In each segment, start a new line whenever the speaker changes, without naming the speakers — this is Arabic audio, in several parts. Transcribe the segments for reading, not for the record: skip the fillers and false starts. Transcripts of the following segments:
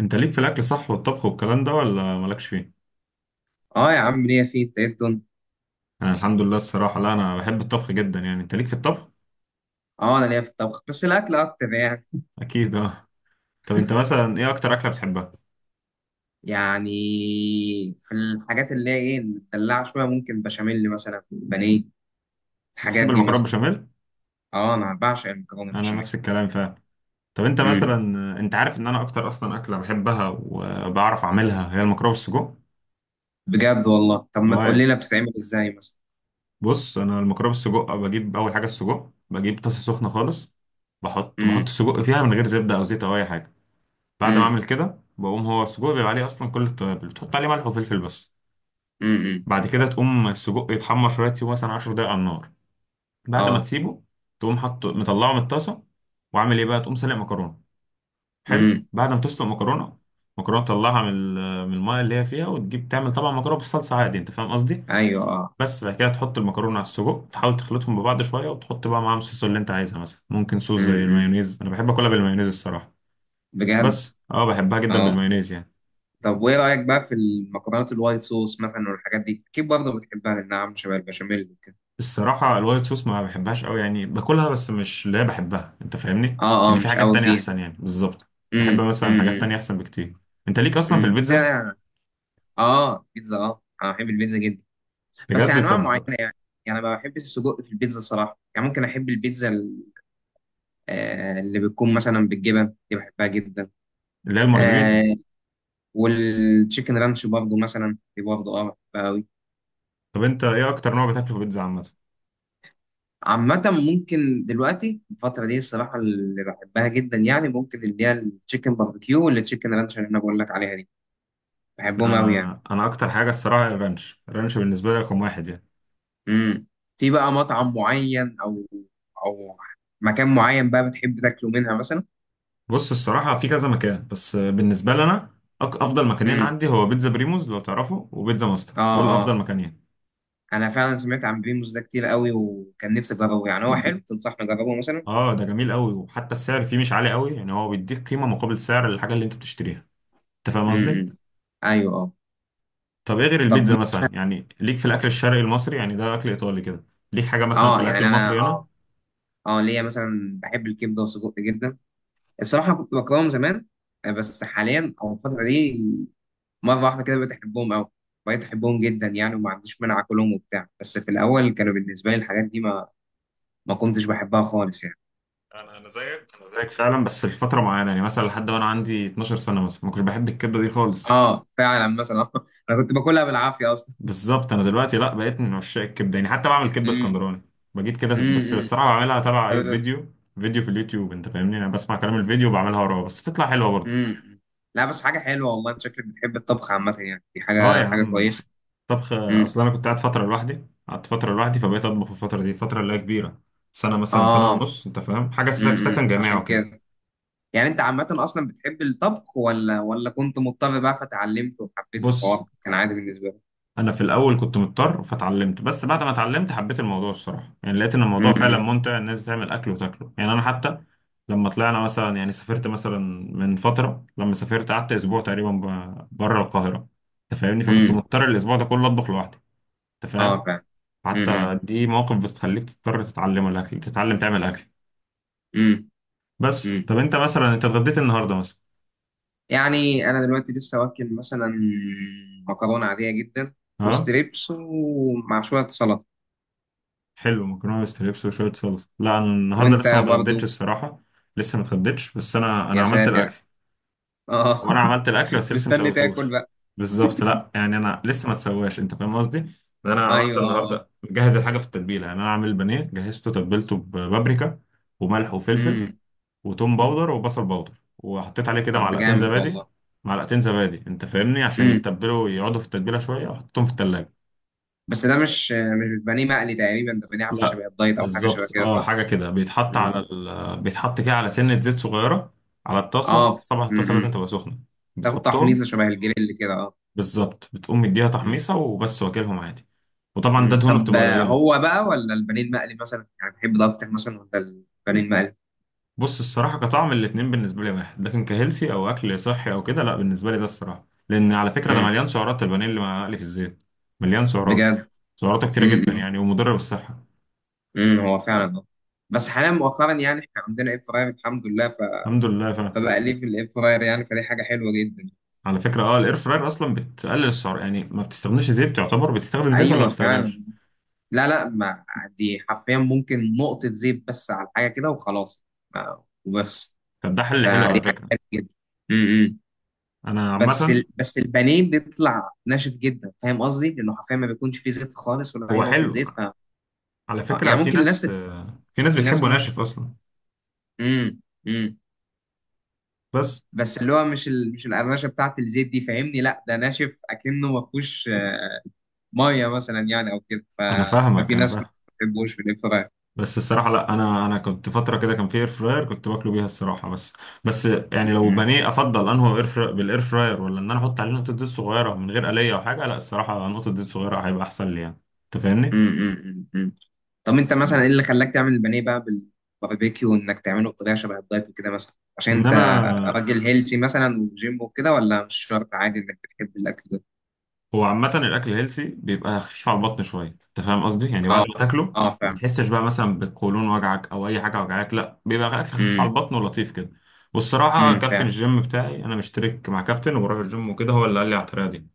انت ليك في الاكل صح والطبخ والكلام ده ولا مالكش فيه؟
اه يا عم، ليا فيه التقدم.
انا الحمد لله الصراحه، لا انا بحب الطبخ جدا. يعني انت ليك في الطبخ؟
اه، انا ليا في الطبخ، بس الاكل اكتر يعني.
اكيد اه. طب انت مثلا ايه اكتر اكله بتحبها؟
يعني في الحاجات اللي هي ايه، مدلعه شويه، ممكن بشاميل مثلا، بانيه، الحاجات
بتحب
دي
المكرونه
مثلا.
بشاميل؟
اه، انا بعشق المكرونه
انا
البشاميل.
نفس الكلام فعلا. طب انت
امم.
مثلا، انت عارف ان انا اكتر اصلا اكله بحبها وبعرف اعملها هي المكرونه بالسجق.
بجد والله؟ طب ما تقول
اه.
لنا بتتعمل ازاي مثلا؟
بص، انا المكرونه بالسجق بجيب اول حاجه السجق، بجيب طاسه سخنه خالص. بحط
امم،
السجق فيها من غير زبده او زيت او اي حاجه. بعد ما
امم،
اعمل كده بقوم هو السجق بيبقى عليه اصلا كل التوابل، بتحط عليه ملح وفلفل بس.
امم.
بعد كده تقوم السجق يتحمر شويه، تسيبه مثلا 10 دقايق على النار. بعد ما
اه.
تسيبه تقوم حاطه، مطلعه من الطاسه، وعامل ايه بقى تقوم سلق مكرونه. حلو،
امم.
بعد ما تسلق مكرونه، مكرونه تطلعها من من الميه اللي هي فيها، وتجيب تعمل طبعا مكرونه بالصلصه عادي، انت فاهم قصدي.
ايوه، اه.
بس بعد كده تحط المكرونه على السجق، تحاول تخلطهم ببعض شويه، وتحط بقى معاهم الصوص اللي انت عايزها. مثلا ممكن صوص زي
امم.
المايونيز، انا بحب اكلها بالمايونيز الصراحه.
بجد؟
بس اه، بحبها جدا
اه.
بالمايونيز يعني.
طب وايه رايك بقى في المكرونات الوايت صوص مثلا والحاجات دي؟ اكيد برضه بتحبها لانها عامله شبه البشاميل وكده.
الصراحة الوايت صوص ما بحبهاش قوي يعني، باكلها بس مش اللي هي بحبها، انت فاهمني.
اه،
ان
اه،
في
مش
حاجات
قوي
تانية
فيها.
احسن يعني، بالظبط. بحب
امم،
مثلا
امم،
حاجات
امم.
تانية احسن بكتير. انت ليك اصلا في
امم. بس انا
البيتزا؟
يعني، اه، بيتزا، اه، انا بحب البيتزا جدا. بس
بجد؟
انواع معينه
طب.
يعني. يعني ما بحبش السجق في البيتزا الصراحه، يعني ممكن احب البيتزا اللي بتكون مثلا بالجبن دي بحبها جدا.
اللي هي المارجريتا.
آه. والتشيكن رانش برضه مثلا، دي برضه بحبها قوي.
طب انت ايه اكتر نوع بتاكله في البيتزا عامة؟
عامة ممكن دلوقتي الفترة دي الصراحة اللي بحبها جدا يعني، ممكن اللي هي التشيكن باربيكيو والتشيكن رانش اللي انا بقول لك عليها دي.
لا،
بحبهم قوي يعني.
انا اكتر حاجة الصراحة الرانش، الرانش بالنسبة لي رقم واحد يعني.
امم. في بقى مطعم معين او مكان معين بقى بتحب تاكله منها مثلا؟
بص الصراحة في كذا مكان، بس بالنسبة لي انا، افضل مكانين
امم،
عندي هو بيتزا بريموز لو تعرفه، وبيتزا ماستر. دول
اه،
افضل
اه.
مكانين.
انا فعلا سمعت عن بيموس ده كتير قوي، وكان نفسي اجربه يعني، هو حلو؟ تنصحني اجربه مثلا؟
اه، ده جميل قوي، وحتى السعر فيه مش عالي قوي يعني، هو بيديك قيمة مقابل سعر الحاجة اللي انت بتشتريها. انت فاهم قصدي؟
امم. ايوه، اه.
طب ايه غير
طب.
البيتزا مثلا، يعني ليك في الاكل الشرقي المصري؟ يعني ده اكل ايطالي كده. ليك حاجه مثلا في
اه،
الاكل
يعني انا،
المصري هنا؟
اه ليا مثلا بحب الكبده والسجق جدا. الصراحه كنت بكرههم زمان. بس حاليا او الفتره دي، مره واحده كده بقيت احبهم قوي. بقيت احبهم جدا يعني، وما عنديش مانع اكلهم وبتاع. بس في الاول كانوا بالنسبه لي الحاجات دي ما كنتش بحبها خالص يعني.
انا زيك، انا زيك فعلا، بس لفتره معينه. يعني مثلا لحد وانا عندي 12 سنه مثلا ما كنتش بحب الكبده دي خالص.
اه فعلا مثلا، انا كنت باكلها بالعافيه اصلا.
بالظبط. انا دلوقتي لا، بقيت من عشاق الكبده يعني، حتى بعمل كبده
امم،
اسكندراني. بجيب كده،
امم،
بس
امم.
الصراحه بعملها تبع اي فيديو، فيديو في اليوتيوب، انت فاهمني. انا بسمع كلام الفيديو وبعملها وراه، بس بتطلع حلوه برضه.
امم. لا، بس حاجه حلوه والله. انت شكلك بتحب الطبخ عامه يعني، دي
اه يا
حاجه
عم،
كويسه.
طبخ.
امم.
اصل انا كنت قاعد فتره لوحدي، قعدت فتره لوحدي، فبقيت اطبخ في الفتره دي. فتره اللي هي كبيره، سنه مثلا، سنه
اه.
ونص، انت فاهم حاجه، سكن جامعي
عشان
وكده.
كده. يعني انت عامه اصلا بتحب الطبخ، ولا كنت مضطر بقى فتعلمت وحبيت
بص،
الحوار، كان عادي بالنسبه لك؟
انا في الاول كنت مضطر فاتعلمت، بس بعد ما اتعلمت حبيت الموضوع الصراحه يعني، لقيت ان الموضوع فعلا
امم.
ممتع. الناس تعمل اكل وتاكله يعني، انا حتى لما طلعنا مثلا، يعني سافرت مثلا من فتره، لما سافرت قعدت اسبوع تقريبا بره القاهره، انت فاهمني. فكنت
امم.
مضطر الاسبوع ده كله اطبخ لوحدي، انت
اه،
فاهم.
فعلا. امم،
حتى دي مواقف بتخليك تضطر تتعلم الاكل، تتعلم تعمل اكل.
امم.
بس
امم.
طب انت مثلا، انت اتغديت النهارده مثلا؟
يعني انا دلوقتي لسه واكل مثلا مكرونه عاديه جدا
اه،
وستريبس، ومع شويه سلطه.
حلو، مكرونه وستريبس وشويه صلصه. لا انا النهارده
وانت
لسه ما اتغديتش
برضو؟
الصراحه، لسه ما اتغديتش. بس انا
يا
عملت
ساتر!
الاكل،
اه.
وانا عملت الاكل بس لسه ما
مستني
سويتوش.
تاكل بقى.
بالظبط، لا يعني انا لسه ما اتسواش، انت فاهم قصدي. ان انا عملت
ايوه، اه، اه.
النهارده مجهز الحاجه في التتبيله. يعني انا عامل البانيه، جهزته تتبيلته ببابريكا وملح وفلفل
امم.
وتوم باودر وبصل باودر، وحطيت عليه كده
طب ده
معلقتين
جامد
زبادي.
والله.
معلقتين زبادي انت فاهمني، عشان
امم.
يتبلوا يقعدوا في التتبيله شويه، وحطيتهم في التلاجة.
بس ده مش بتبانيه مقلي تقريبا، ده بتبانيه عامل
لا،
شبه الدايت او حاجه شبه
بالظبط
كده،
اه،
صح؟
حاجه كده بيتحط
امم،
على بيتحط كده على سنه زيت صغيره، على الطاسه
اه.
طبعا، الطاسه لازم
امم.
تبقى سخنه،
تاخد
بتحطهم.
تحميصه شبه الجريل كده، اه.
بالظبط، بتقوم مديها
امم.
تحميصه وبس، واكلهم عادي. وطبعا ده
أمم.
دهونه
طب
بتبقى قليله.
هو بقى ولا البانيه المقلي مثلا، يعني بتحب ده اكتر مثلا ولا البانيه المقلي؟
بص الصراحه، كطعم الاتنين بالنسبه لي واحد، لكن كهيلسي او اكل صحي او كده، لا بالنسبه لي ده الصراحه، لان على فكره ده
امم.
مليان سعرات، البانيه اللي مقلي في الزيت مليان سعرات،
بجد؟
سعراته كتيره
امم.
جدا
أمم.
يعني، ومضره بالصحه.
هو فعلا اه. بس حاليا مؤخرا يعني احنا عندنا اير فراير الحمد لله
الحمد لله.
فبقى ليه في الاير فراير يعني، فدي حاجه حلوه جدا.
على فكرة اه، الاير فراير اصلا بتقلل السعر يعني، ما بتستخدمش زيت، تعتبر بتستخدم زيت ولا ما
ايوه، فعلا.
بتستخدمش.
لا، لا، ما دي حرفيا ممكن نقطة زيت بس على حاجة كده وخلاص. وبس.
فده حل حلو على
فدي حاجة
فكرة.
حلوة جدا. امم.
انا عامة،
بس البانيه بيطلع ناشف جدا، فاهم قصدي؟ لأنه حرفيا ما بيكونش فيه زيت خالص ولا أي
هو
نقطة
حلو
زيت
على فكرة.
يعني
في
ممكن الناس
ناس، في ناس
في ناس
بتحبه
ممكن.
ناشف اصلا.
امم، امم.
بس،
بس اللي هو مش القرمشة بتاعت الزيت دي، فاهمني؟ لا ده ناشف أكنه ما فيهوش مية مثلا، يعني أو كده
انا فاهمك،
ففي
انا
ناس ما
فاهم.
بتحبوش في الإير فراير.
بس الصراحة لا، انا كنت فترة كده كان في اير فراير كنت باكله بيها الصراحة، بس يعني لو بانيه افضل انه اير فراير بالاير فراير، ولا ان انا احط عليه نقطة زيت صغيرة من غير قلية او حاجة؟ لا الصراحة نقطة زيت صغيرة هيبقى احسن لي يعني، انت فاهمني.
امم، امم. طب انت مثلا ايه اللي خلاك تعمل البانيه بقى بالباربيكيو، وانك تعمله بطريقه شبه الدايت وكده مثلا؟ عشان انت
انما
راجل هيلسي مثلا وجيم وكده، ولا مش شرط، عادي انك بتحب الاكل ده؟
هو عامة الأكل الهيلسي بيبقى خفيف على البطن شوية، أنت فاهم قصدي؟ يعني بعد
اه،
ما تاكله
اه، فعلا.
بتحسش بقى مثلا بالقولون وجعك أو أي حاجة وجعاك، لا بيبقى أكل خفيف على
امم،
البطن ولطيف كده. والصراحة
امم،
كابتن
فعلا.
الجيم بتاعي، أنا مشترك مع كابتن وبروح الجيم وكده، هو اللي قال لي على الطريقة دي،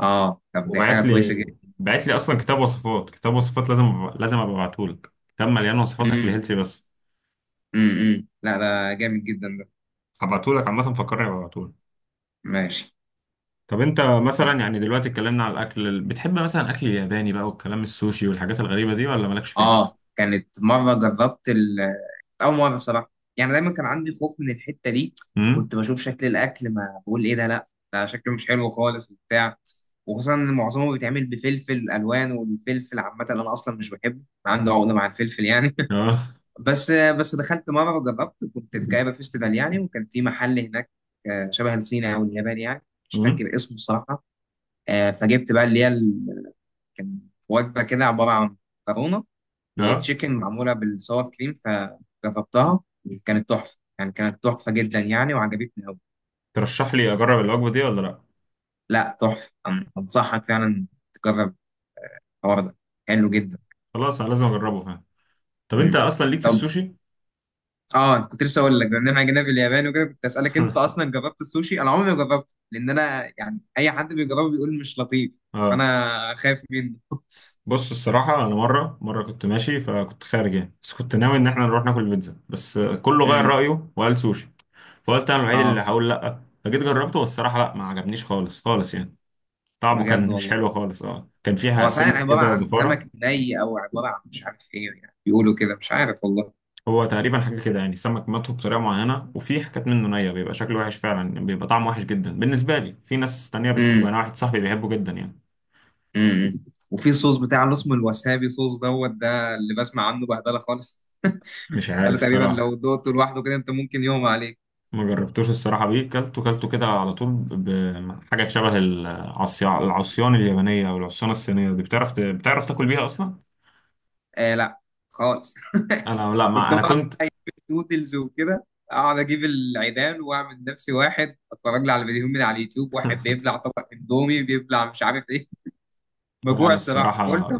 اه، طب دي حاجه
وبعت
كويسه
لي.
جدا.
بعت لي أصلا كتاب وصفات، كتاب وصفات لازم لازم أبقى أبعتهولك كتاب مليان وصفات أكل
امم،
هيلسي بس.
امم، لا ده جامد جدا ده.
هبعتهولك عامة، فكرني أبعتهولك.
ماشي.
طب أنت مثلا يعني، دلوقتي اتكلمنا على الأكل، بتحب مثلا أكل ياباني بقى والكلام السوشي والحاجات الغريبة دي، ولا مالكش فيها؟
اه، كانت مره جربت أول مرة صراحة. يعني دايما كان عندي خوف من الحتة دي.
امم.
كنت بشوف شكل الأكل ما بقول إيه ده، لأ، ده شكله مش حلو خالص وبتاع. وخصوصا إن معظمه بيتعمل بفلفل ألوان، والفلفل عامة أنا أصلا مش بحبه، عنده عقدة مع الفلفل يعني.
اه.
بس دخلت مرة وجربت، كنت في جايبة فيستيفال يعني، وكان في محل هناك شبه الصيني أو الياباني يعني، مش
امم.
فاكر اسمه الصراحة. فجبت بقى اللي هي كان وجبة كده، عبارة عن مكرونة
اه.
وتشيكن معموله بالصور كريم، فجربتها. كانت تحفه يعني، كانت تحفه جدا يعني، وعجبتني قوي.
ترشح لي اجرب الوجبه دي ولا لا؟
لا تحفه، انصحك فعلا تجرب الحوار ده، حلو جدا.
خلاص انا لازم اجربه، فاهم. طب انت
مم.
اصلا ليك في
طب
السوشي؟
اه، كنت لسه اقول لك بما اننا جينا في اليابان وكده، كنت اسالك انت اصلا جربت السوشي؟ انا عمري ما جربته، لان انا يعني اي حد بيجربه بيقول مش لطيف،
اه.
فانا خايف منه.
بص الصراحه، انا مره كنت ماشي، فكنت خارج يعني، بس كنت ناوي ان احنا نروح ناكل بيتزا، بس كله غير
امم.
رايه وقال سوشي. فقلت انا الوحيد اللي
اه.
هقول لا، فجيت جربته، والصراحه لا، ما عجبنيش خالص خالص يعني. طعمه
بجد
كان مش
والله؟
حلو خالص، اه كان فيها
هو فعلا
سنه
عباره
كده
عن سمك
زفاره.
ني او عباره عن مش عارف ايه، يعني بيقولوا كده، مش عارف والله.
هو تقريبا حاجة كده يعني، السمك مطهو بطريقة معينة، وفي حاجات منه نية، بيبقى شكله وحش فعلا، بيبقى طعمه وحش جدا بالنسبة لي. في ناس تانية
امم،
بتحبه، أنا واحد صاحبي بيحبه جدا يعني.
امم. وفي صوص بتاع اللي اسمه الوسابي صوص دوت، ده اللي بسمع عنه بهدله خالص.
مش
ده
عارف
اللي تقريبا لو
الصراحة،
دقته لوحده كده، انت ممكن يغمى عليك.
ما جربتوش الصراحة بيه. كلته كده على طول بحاجة شبه العصيان، العصيان اليابانية أو العصيان الصينية دي. بتعرف بتعرف تاكل بيها أصلا؟
آه، لا خالص.
أنا لا، ما
كنت
أنا
بقعد
كنت.
نودلز وكده، اقعد اجيب العيدان واعمل نفسي واحد، اتفرج لي على فيديوهات من على اليوتيوب، واحد بيبلع طبق اندومي، بيبلع مش عارف ايه.
لا
مجوع
أنا
الصراحه قلت.
الصراحة،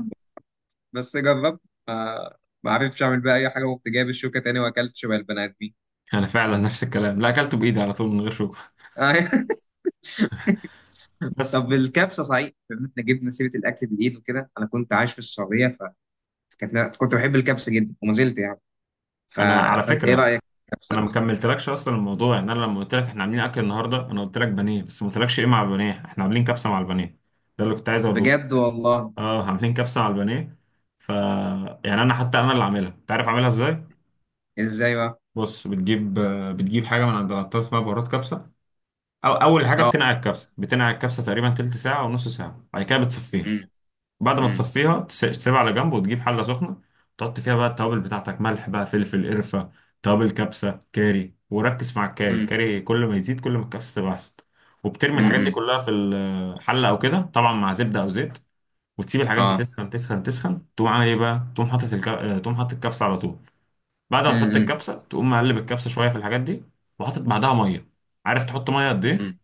بس جربت ما ما عرفتش اعمل بقى اي حاجه، وقمت جايب الشوكه تاني واكلت شبه البني ادمين.
أنا فعلا نفس الكلام، لا أكلته بإيدي على طول من غير شوكة. بس
طب الكبسه صحيح، بما ان احنا جبنا سيره الاكل بالايد وكده، انا كنت عايش في السعوديه، فكنت كنت بحب الكبسه جدا وما زلت يعني ف...
أنا على
فانت ايه
فكرة،
رايك في الكبسه
انا ما
مثلا؟
كملتلكش اصلا الموضوع. يعني انا لما قلت لك احنا عاملين اكل النهارده، انا قلت لك بانيه، بس ما قلتلكش ايه مع البانيه، احنا عاملين كبسه مع البانيه. ده اللي كنت عايز اقوله لك.
بجد والله؟
اه، عاملين كبسه مع البانيه. ف، يعني انا حتى انا اللي عاملها. انت عارف اعملها ازاي؟
ازاي بقى؟
بص، بتجيب، بتجيب حاجه من عند العطار اسمها بهارات كبسه. او اول حاجه
اه.
بتنقع الكبسه، بتنقع الكبسه تقريبا تلت ساعه او نص ساعه، بعد كده بتصفيها.
امم،
بعد ما
امم،
تصفيها تسيبها على جنب، وتجيب حله سخنه. تحط فيها بقى التوابل بتاعتك، ملح بقى، فلفل، قرفه، توابل كبسه، كاري. وركز مع الكاري،
امم،
الكاري كل ما يزيد كل ما الكبسه تبقى احسن. وبترمي الحاجات دي
امم.
كلها في الحله او كده، طبعا مع زبده او زيت، وتسيب الحاجات دي
اه.
تسخن تسخن تسخن. تقوم عامل ايه بقى، تقوم حاطط تقوم حاطط الكبسه على طول. بعد ما تحط
امم،
الكبسه تقوم مقلب الكبسه شويه في الحاجات دي، وحاطط بعدها ميه. عارف تحط ميه قد ايه؟
امم.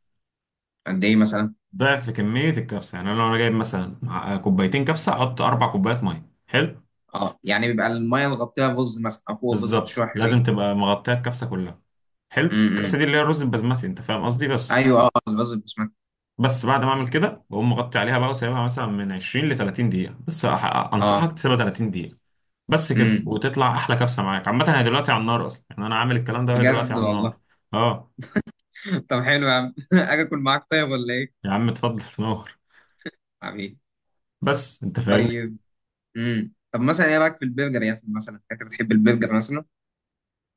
قد ايه مثلا؟
ضعف كميه الكبسه يعني، انا لو انا جايب مثلا كوبايتين كبسه احط 4 كوبايات ميه. حلو.
اه يعني بيبقى الميه اللي غطيها رز مثلا، او فوق الرز
بالظبط
بشويه حلوين.
لازم تبقى مغطيه الكبسه كلها. حلو.
امم.
الكبسه دي اللي هي الرز البسمتي، انت فاهم قصدي. بس،
ايوه، اه، الرز بسمك.
بس بعد ما اعمل كده بقوم مغطي عليها بقى وسايبها مثلا من 20 ل 30 دقيقه بس،
اه.
انصحك تسيبها 30 دقيقه. بس كده،
امم.
وتطلع احلى كبسه معاك. عامه هي دلوقتي على النار اصلا يعني، انا عامل الكلام ده وهي دلوقتي
بجد
على النار.
والله.
اه
طب حلو يا عم، اجي اكل معاك طيب ولا ايه؟
يا عم، اتفضل نور.
حبيبي.
بس انت فاهم.
طيب. طب مثلا ايه رايك في البرجر يا اسطى؟ مثلا انت بتحب البرجر مثلا؟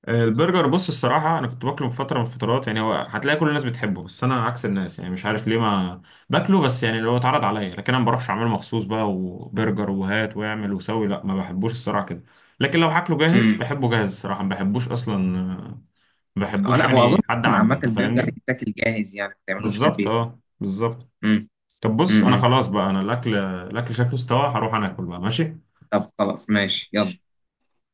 البرجر، بص الصراحة، أنا كنت باكله في فترة من الفترات يعني، هو هتلاقي كل الناس بتحبه، بس أنا عكس الناس يعني، مش عارف ليه، ما باكله، بس يعني اللي هو اتعرض عليا، لكن أنا ما بروحش أعمله مخصوص بقى وبرجر وهات واعمل وسوي، لا ما بحبوش الصراحة كده. لكن لو هاكله جاهز
امم.
بحبه جاهز، الصراحة ما بحبوش أصلا. ما
اه
بحبوش
لا، هو اظن
يعني حد
اصلا
عامله،
عامه
أنت
البرجر
فاهمني؟
يتاكل جاهز يعني، ما تعملوش في
بالظبط،
البيت يعني.
أه بالظبط.
امم.
طب بص، أنا
امم،
خلاص بقى، أنا الأكل، الأكل شكله استوى، هروح أنا أكل بقى، ماشي؟
طب خلاص ماشي، يلا.